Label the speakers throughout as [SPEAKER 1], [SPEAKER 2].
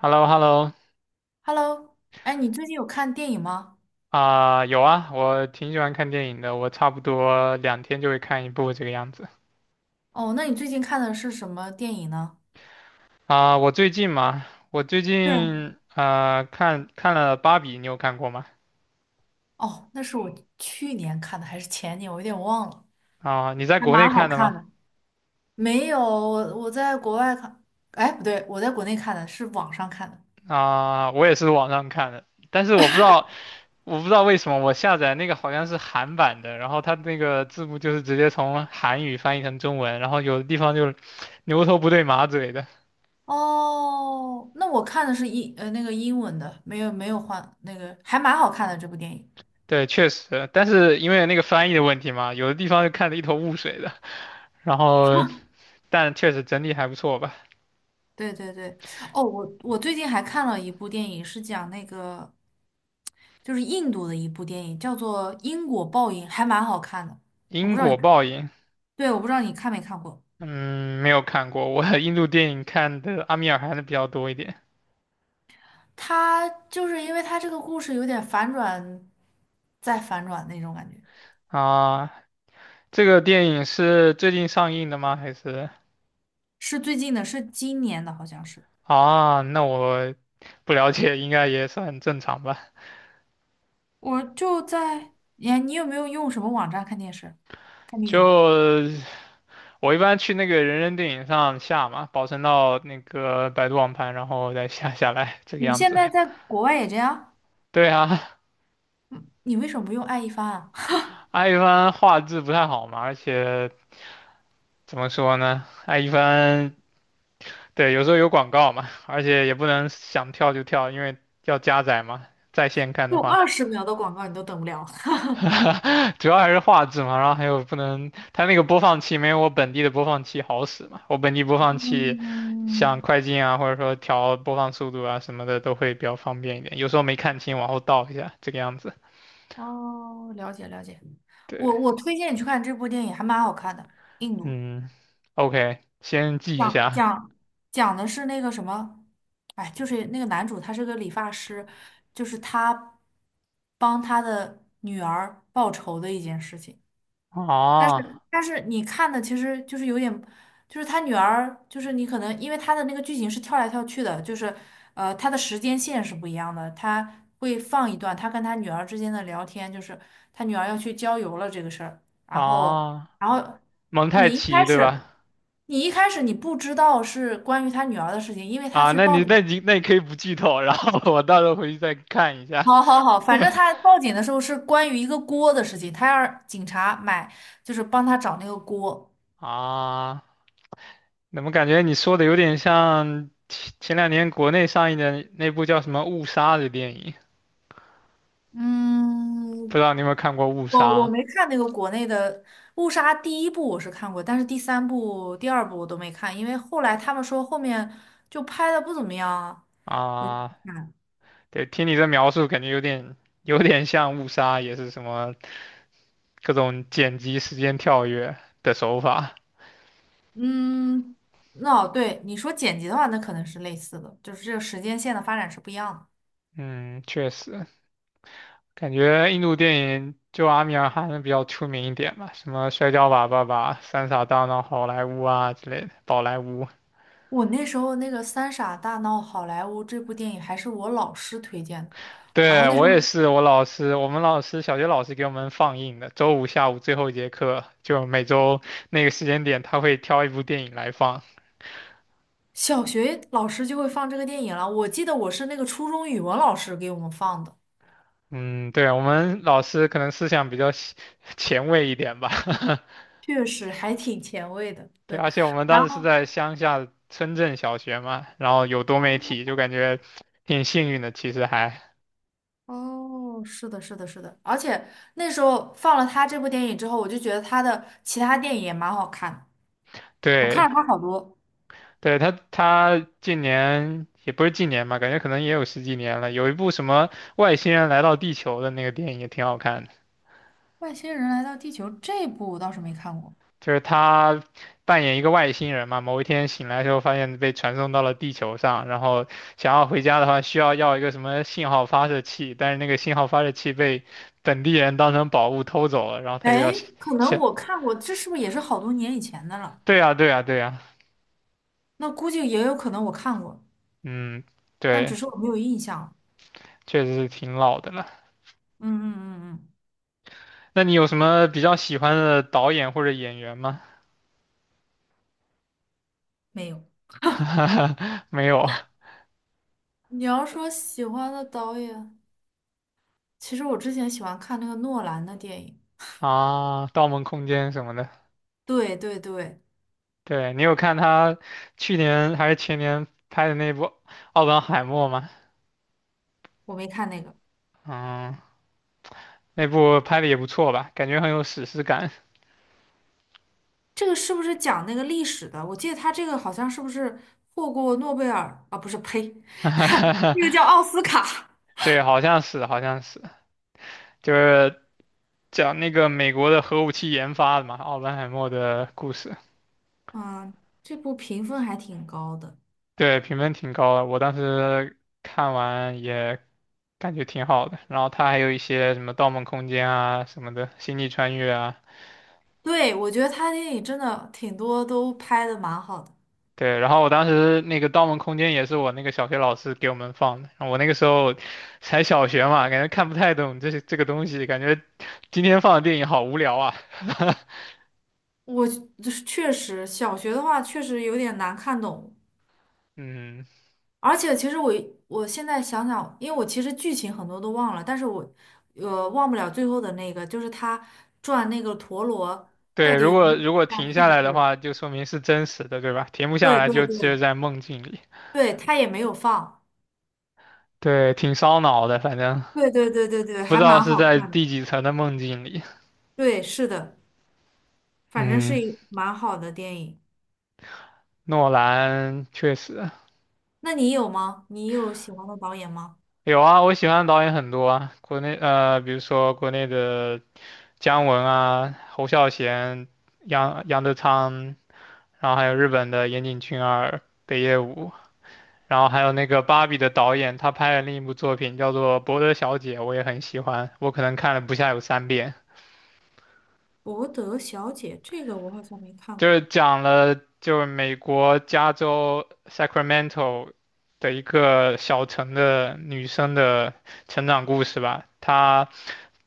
[SPEAKER 1] h e l l o h e l l o。
[SPEAKER 2] Hello，哎，你最近有看电影吗？
[SPEAKER 1] 啊，有啊，我挺喜欢看电影的，我差不多2天就会看一部这个样子。
[SPEAKER 2] 哦，那你最近看的是什么电影呢？
[SPEAKER 1] 啊、我最近嘛，我最
[SPEAKER 2] 对，
[SPEAKER 1] 近看了《芭比》，你有看过吗？
[SPEAKER 2] 哦，那是我去年看的还是前年，我有点忘了。
[SPEAKER 1] 啊，你在
[SPEAKER 2] 还
[SPEAKER 1] 国内
[SPEAKER 2] 蛮好
[SPEAKER 1] 看的
[SPEAKER 2] 看
[SPEAKER 1] 吗？
[SPEAKER 2] 的。没有，我在国外看，哎，不对，我在国内看的是网上看的。
[SPEAKER 1] 啊，我也是网上看的，但是我不知道为什么我下载那个好像是韩版的，然后它那个字幕就是直接从韩语翻译成中文，然后有的地方就是牛头不对马嘴的。
[SPEAKER 2] 哦，那我看的是那个英文的，没有换那个，还蛮好看的这部电影。
[SPEAKER 1] 对，确实，但是因为那个翻译的问题嘛，有的地方就看得一头雾水的。然后，但确实整体还不错吧。
[SPEAKER 2] 对对对，哦，我最近还看了一部电影，是讲那个就是印度的一部电影，叫做《因果报应》，还蛮好看的。我
[SPEAKER 1] 因
[SPEAKER 2] 不知道你，
[SPEAKER 1] 果报应，
[SPEAKER 2] 对，我不知道你看没看过。
[SPEAKER 1] 嗯，没有看过，我 印度电影看的阿米尔汗的比较多一点
[SPEAKER 2] 它就是因为它这个故事有点反转，再反转那种感觉。
[SPEAKER 1] 啊。这个电影是最近上映的吗？还是
[SPEAKER 2] 是最近的，是今年的，好像是。
[SPEAKER 1] 啊？那我不了解，应该也算正常吧。
[SPEAKER 2] 我就在，你有没有用什么网站看电视、看电
[SPEAKER 1] 就
[SPEAKER 2] 影？
[SPEAKER 1] 我一般去那个人人电影上下嘛，保存到那个百度网盘，然后再下下来，这个
[SPEAKER 2] 你
[SPEAKER 1] 样
[SPEAKER 2] 现
[SPEAKER 1] 子。
[SPEAKER 2] 在在国外也这样？
[SPEAKER 1] 对啊，
[SPEAKER 2] 你为什么不用爱一帆啊？
[SPEAKER 1] 艾一帆画质不太好嘛，而且怎么说呢，艾一帆对，有时候有广告嘛，而且也不能想跳就跳，因为要加载嘛。在线看的
[SPEAKER 2] 就
[SPEAKER 1] 话，
[SPEAKER 2] 20秒的广告你都等不了。
[SPEAKER 1] 主要还是画质嘛，然后还有不能，它那个播放器没有我本地的播放器好使嘛。我本地播放器像
[SPEAKER 2] 嗯，
[SPEAKER 1] 快进啊，或者说调播放速度啊什么的都会比较方便一点。有时候没看清，往后倒一下，这个样子。
[SPEAKER 2] 哦，了解了解。
[SPEAKER 1] 对，
[SPEAKER 2] 我推荐你去看这部电影，还蛮好看的。印度
[SPEAKER 1] 嗯，OK，先记一
[SPEAKER 2] 讲
[SPEAKER 1] 下。
[SPEAKER 2] 讲讲的是那个什么，哎，就是那个男主他是个理发师，就是他帮他的女儿报仇的一件事情。但
[SPEAKER 1] 哦
[SPEAKER 2] 是但是你看的其实就是有点，就是他女儿，就是你可能因为他的那个剧情是跳来跳去的，就是他的时间线是不一样的，他会放一段他跟他女儿之间的聊天，就是他女儿要去郊游了这个事儿，然后
[SPEAKER 1] 哦，
[SPEAKER 2] 然后
[SPEAKER 1] 蒙太
[SPEAKER 2] 你一
[SPEAKER 1] 奇
[SPEAKER 2] 开
[SPEAKER 1] 对吧？
[SPEAKER 2] 始你一开始你不知道是关于他女儿的事情，因为他
[SPEAKER 1] 啊，
[SPEAKER 2] 去
[SPEAKER 1] 那
[SPEAKER 2] 报
[SPEAKER 1] 你
[SPEAKER 2] 警。
[SPEAKER 1] 那你那你可以不剧透，然后我到时候回去再看一下。
[SPEAKER 2] 好好好，反正他 报警的时候是关于一个锅的事情，他让警察买，就是帮他找那个锅。
[SPEAKER 1] 啊，怎么感觉你说的有点像前2年国内上映的那部叫什么《误杀》的电影？不
[SPEAKER 2] 嗯，
[SPEAKER 1] 知道你有没有看过《误
[SPEAKER 2] 我
[SPEAKER 1] 杀》
[SPEAKER 2] 我没看那个国内的《误杀》第1部，我是看过，但是第3部、第2部我都没看，因为后来他们说后面就拍的不怎么样啊，我就
[SPEAKER 1] 啊？
[SPEAKER 2] 没看。
[SPEAKER 1] 对，听你这描述，感觉有点像《误杀》，也是什么各种剪辑、时间跳跃的手法。
[SPEAKER 2] 嗯，那、对你说剪辑的话，那可能是类似的，就是这个时间线的发展是不一样的。
[SPEAKER 1] 嗯，确实。感觉印度电影就阿米尔汗比较出名一点吧，什么《摔跤吧，爸爸》《三傻大闹好莱坞》啊之类的，宝莱坞。
[SPEAKER 2] 我那时候那个《三傻大闹好莱坞》这部电影还是我老师推荐的，然后
[SPEAKER 1] 对，
[SPEAKER 2] 那时
[SPEAKER 1] 我
[SPEAKER 2] 候
[SPEAKER 1] 也是，我老师，我们老师小学老师给我们放映的，周五下午最后一节课，就每周那个时间点，他会挑一部电影来放。
[SPEAKER 2] 小学老师就会放这个电影了，我记得我是那个初中语文老师给我们放的。
[SPEAKER 1] 嗯，对，我们老师可能思想比较前卫一点吧。
[SPEAKER 2] 确实还挺前卫的，
[SPEAKER 1] 对，
[SPEAKER 2] 对。
[SPEAKER 1] 而且我们
[SPEAKER 2] 然
[SPEAKER 1] 当时是
[SPEAKER 2] 后，
[SPEAKER 1] 在乡下村镇小学嘛，然后有多媒体，就感觉挺幸运的，其实还。
[SPEAKER 2] 哦，是的，是的，是的，而且那时候放了他这部电影之后，我就觉得他的其他电影也蛮好看的，我看
[SPEAKER 1] 对，
[SPEAKER 2] 了他好多。
[SPEAKER 1] 对，他近年也不是近年吧，感觉可能也有十几年了。有一部什么外星人来到地球的那个电影也挺好看的，
[SPEAKER 2] 外星人来到地球这部我倒是没看过，
[SPEAKER 1] 就是他扮演一个外星人嘛，某一天醒来之后发现被传送到了地球上，然后想要回家的话需要一个什么信号发射器，但是那个信号发射器被本地人当成宝物偷走了，然后他就要
[SPEAKER 2] 哎，
[SPEAKER 1] 想，
[SPEAKER 2] 可能
[SPEAKER 1] 想
[SPEAKER 2] 我看过，这是不是也是好多年以前的了？
[SPEAKER 1] 对呀，对呀，对呀，
[SPEAKER 2] 那估计也有可能我看过，
[SPEAKER 1] 嗯，
[SPEAKER 2] 但
[SPEAKER 1] 对，
[SPEAKER 2] 只是我没有印象了
[SPEAKER 1] 确实是挺老的了。
[SPEAKER 2] 嗯嗯嗯嗯，
[SPEAKER 1] 那你有什么比较喜欢的导演或者演员吗？
[SPEAKER 2] 没有。
[SPEAKER 1] 没有
[SPEAKER 2] 你要说喜欢的导演，其实我之前喜欢看那个诺兰的电影，
[SPEAKER 1] 啊，《盗梦空间》什么的。
[SPEAKER 2] 对对对，
[SPEAKER 1] 对，你有看他去年还是前年拍的那部《奥本海默》吗？
[SPEAKER 2] 我没看那个。
[SPEAKER 1] 嗯，那部拍的也不错吧，感觉很有史诗感。
[SPEAKER 2] 这个是不是讲那个历史的？我记得他这个好像是不是获过诺贝尔啊？不是，呸，那个叫奥斯卡。
[SPEAKER 1] 对，好像是，好像是，就是讲那个美国的核武器研发的嘛，奥本海默的故事。
[SPEAKER 2] 嗯，这部评分还挺高的。
[SPEAKER 1] 对，评分挺高的，我当时看完也感觉挺好的。然后他还有一些什么《盗梦空间》啊什么的，《星际穿越》啊。
[SPEAKER 2] 对，我觉得他电影真的挺多都拍的蛮好的。
[SPEAKER 1] 对，然后我当时那个《盗梦空间》也是我那个小学老师给我们放的，然后我那个时候才小学嘛，感觉看不太懂这些这个东西，感觉今天放的电影好无聊啊。
[SPEAKER 2] 我就是确实小学的话确实有点难看懂，
[SPEAKER 1] 嗯，
[SPEAKER 2] 而且其实我我现在想想，因为我其实剧情很多都忘了，但是我忘不了最后的那个，就是他转那个陀螺到
[SPEAKER 1] 对，
[SPEAKER 2] 底
[SPEAKER 1] 如
[SPEAKER 2] 有没有
[SPEAKER 1] 果
[SPEAKER 2] 往
[SPEAKER 1] 如果停
[SPEAKER 2] 下是
[SPEAKER 1] 下
[SPEAKER 2] 不
[SPEAKER 1] 来的
[SPEAKER 2] 是？
[SPEAKER 1] 话，就说明是真实的，对吧？停不下
[SPEAKER 2] 对
[SPEAKER 1] 来
[SPEAKER 2] 对
[SPEAKER 1] 就只有
[SPEAKER 2] 对。
[SPEAKER 1] 在梦境里。
[SPEAKER 2] 对，他也没有放。
[SPEAKER 1] 对，挺烧脑的，反正
[SPEAKER 2] 对对对对对，
[SPEAKER 1] 不
[SPEAKER 2] 还
[SPEAKER 1] 知道
[SPEAKER 2] 蛮
[SPEAKER 1] 是
[SPEAKER 2] 好
[SPEAKER 1] 在
[SPEAKER 2] 看的。
[SPEAKER 1] 第几层的梦境里。
[SPEAKER 2] 对，是的，反正是
[SPEAKER 1] 嗯，
[SPEAKER 2] 一蛮好的电影。
[SPEAKER 1] 诺兰确实
[SPEAKER 2] 那你有吗？你有喜欢的导演吗？
[SPEAKER 1] 有啊，我喜欢的导演很多啊，国内比如说国内的姜文啊、侯孝贤、杨德昌，然后还有日本的岩井俊二、北野武，然后还有那个芭比的导演，他拍了另一部作品叫做《伯德小姐》，我也很喜欢，我可能看了不下有三遍，
[SPEAKER 2] 《博德小姐》这个我好像没看
[SPEAKER 1] 就
[SPEAKER 2] 过。
[SPEAKER 1] 是讲了就是美国加州 Sacramento 的一个小城的女生的成长故事吧，她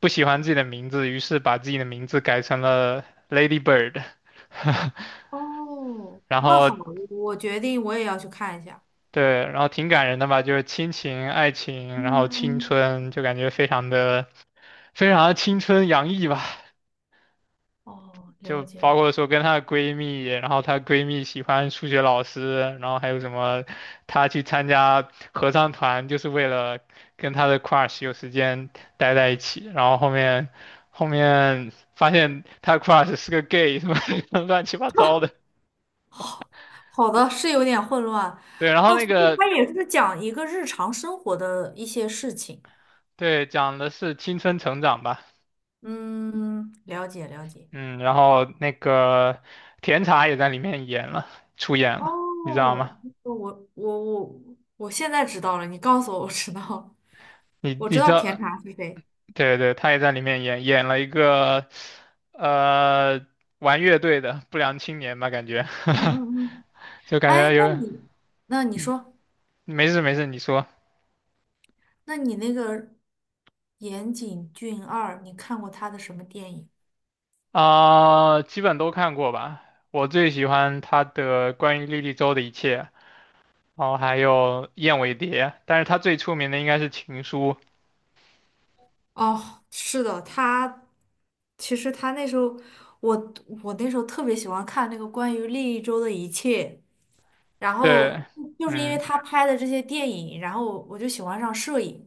[SPEAKER 1] 不喜欢自己的名字，于是把自己的名字改成了 Lady Bird，
[SPEAKER 2] 哦，
[SPEAKER 1] 然
[SPEAKER 2] 那
[SPEAKER 1] 后
[SPEAKER 2] 好，我决定我也要去看一下。
[SPEAKER 1] 对，然后挺感人的吧，就是亲情、爱情，然后青
[SPEAKER 2] 嗯，
[SPEAKER 1] 春，就感觉非常的非常的青春洋溢吧。
[SPEAKER 2] 哦，
[SPEAKER 1] 就
[SPEAKER 2] 了解。
[SPEAKER 1] 包括说跟她的闺蜜，然后她闺蜜喜欢数学老师，然后还有什么，她去参加合唱团就是为了跟她的 crush 有时间待在一起，然后后面发现她 crush 是个 gay，什么 乱七八糟的。
[SPEAKER 2] 好的，是有点混乱。
[SPEAKER 1] 对，然后
[SPEAKER 2] 哦，
[SPEAKER 1] 那
[SPEAKER 2] 所以它
[SPEAKER 1] 个
[SPEAKER 2] 也是讲一个日常生活的一些事情。
[SPEAKER 1] 对，讲的是青春成长吧。
[SPEAKER 2] 嗯，了解了解。
[SPEAKER 1] 嗯，然后那个甜茶也在里面演了，出演了，你知
[SPEAKER 2] 哦，
[SPEAKER 1] 道吗？
[SPEAKER 2] 我我我我现在知道了，你告诉我，我知道了
[SPEAKER 1] 你
[SPEAKER 2] 我知
[SPEAKER 1] 你
[SPEAKER 2] 道
[SPEAKER 1] 知
[SPEAKER 2] 甜
[SPEAKER 1] 道，
[SPEAKER 2] 茶是谁。
[SPEAKER 1] 对对，他也在里面演了一个呃玩乐队的不良青年吧，感觉，
[SPEAKER 2] 嗯嗯嗯，
[SPEAKER 1] 就感
[SPEAKER 2] 哎，
[SPEAKER 1] 觉
[SPEAKER 2] 那
[SPEAKER 1] 有，
[SPEAKER 2] 你那你说，
[SPEAKER 1] 没事没事，你说，
[SPEAKER 2] 那你那个岩井俊二，你看过他的什么电影？
[SPEAKER 1] 啊，基本都看过吧。我最喜欢他的关于莉莉周的一切，然后还有燕尾蝶，但是他最出名的应该是情书，
[SPEAKER 2] 哦，是的，他其实他那时候，我我那时候特别喜欢看那个关于利一周的一切，然
[SPEAKER 1] 对，
[SPEAKER 2] 后就是因为
[SPEAKER 1] 嗯，
[SPEAKER 2] 他拍的这些电影，然后我就喜欢上摄影。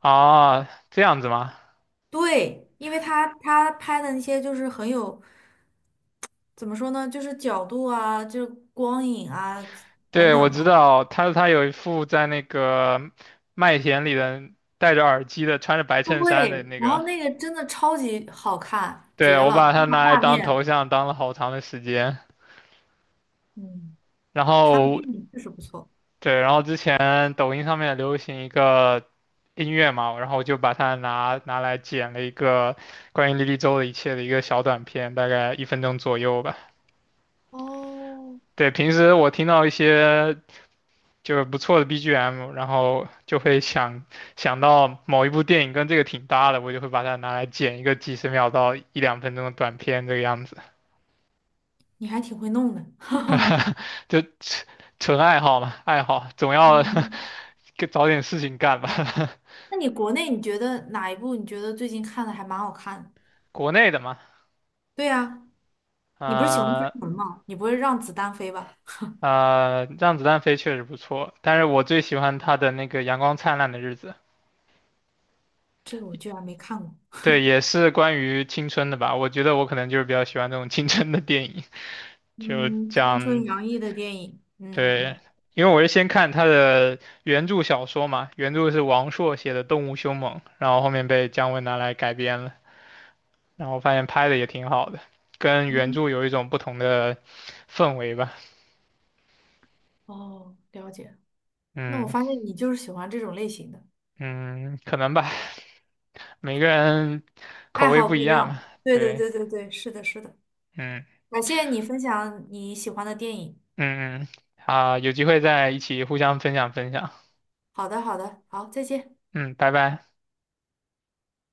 [SPEAKER 1] 啊，这样子吗？
[SPEAKER 2] 对，因为他拍的那些就是很有，怎么说呢，就是角度啊，就是光影啊等
[SPEAKER 1] 对，我
[SPEAKER 2] 等
[SPEAKER 1] 知
[SPEAKER 2] 吧。
[SPEAKER 1] 道他有一副在那个麦田里的戴着耳机的，穿着白衬衫的
[SPEAKER 2] 对，
[SPEAKER 1] 那
[SPEAKER 2] 然
[SPEAKER 1] 个。
[SPEAKER 2] 后那个真的超级好看，
[SPEAKER 1] 对，
[SPEAKER 2] 绝
[SPEAKER 1] 我把
[SPEAKER 2] 了，
[SPEAKER 1] 它
[SPEAKER 2] 那个
[SPEAKER 1] 拿来
[SPEAKER 2] 画
[SPEAKER 1] 当头
[SPEAKER 2] 面，
[SPEAKER 1] 像，当了好长的时间。
[SPEAKER 2] 嗯，
[SPEAKER 1] 然
[SPEAKER 2] 他的
[SPEAKER 1] 后，
[SPEAKER 2] 电影确实不错，
[SPEAKER 1] 对，然后之前抖音上面流行一个音乐嘛，然后我就把它拿来剪了一个关于莉莉周的一切的一个小短片，大概1分钟左右吧。
[SPEAKER 2] 哦，
[SPEAKER 1] 对，平时我听到一些就是不错的 BGM，然后就会想到某一部电影跟这个挺搭的，我就会把它拿来剪一个几十秒到一两分钟的短片，这个样子，
[SPEAKER 2] 你还挺会弄的，哈哈。
[SPEAKER 1] 就纯爱好嘛，爱好总要
[SPEAKER 2] 嗯，
[SPEAKER 1] 找点事情干吧。
[SPEAKER 2] 那你国内你觉得哪一部你觉得最近看的还蛮好看的？
[SPEAKER 1] 国内的嘛，
[SPEAKER 2] 对呀，你不是喜欢姜
[SPEAKER 1] 呃
[SPEAKER 2] 文吗？你不会让子弹飞吧？
[SPEAKER 1] 让子弹飞确实不错，但是我最喜欢他的那个阳光灿烂的日子，
[SPEAKER 2] 这个我居然没看过。
[SPEAKER 1] 对，也是关于青春的吧，我觉得我可能就是比较喜欢这种青春的电影，就
[SPEAKER 2] 嗯，青春
[SPEAKER 1] 讲。
[SPEAKER 2] 洋溢的电影，嗯嗯
[SPEAKER 1] 对，
[SPEAKER 2] 嗯。
[SPEAKER 1] 因为我是先看他的原著小说嘛，原著是王朔写的《动物凶猛》，然后后面被姜文拿来改编了，然后发现拍的也挺好的，跟原
[SPEAKER 2] 嗯，
[SPEAKER 1] 著有一种不同的氛围吧。
[SPEAKER 2] 哦，了解。那我
[SPEAKER 1] 嗯
[SPEAKER 2] 发现你就是喜欢这种类型的，
[SPEAKER 1] 嗯，可能吧，每个人口
[SPEAKER 2] 爱
[SPEAKER 1] 味
[SPEAKER 2] 好
[SPEAKER 1] 不
[SPEAKER 2] 不
[SPEAKER 1] 一
[SPEAKER 2] 一
[SPEAKER 1] 样嘛。
[SPEAKER 2] 样。对对
[SPEAKER 1] 对，
[SPEAKER 2] 对对对，是的，是的。
[SPEAKER 1] 嗯
[SPEAKER 2] 感谢你分享你喜欢的电影。
[SPEAKER 1] 嗯嗯，啊，有机会再一起互相分享分享。
[SPEAKER 2] 好的，好的，好，再见。
[SPEAKER 1] 嗯，拜拜。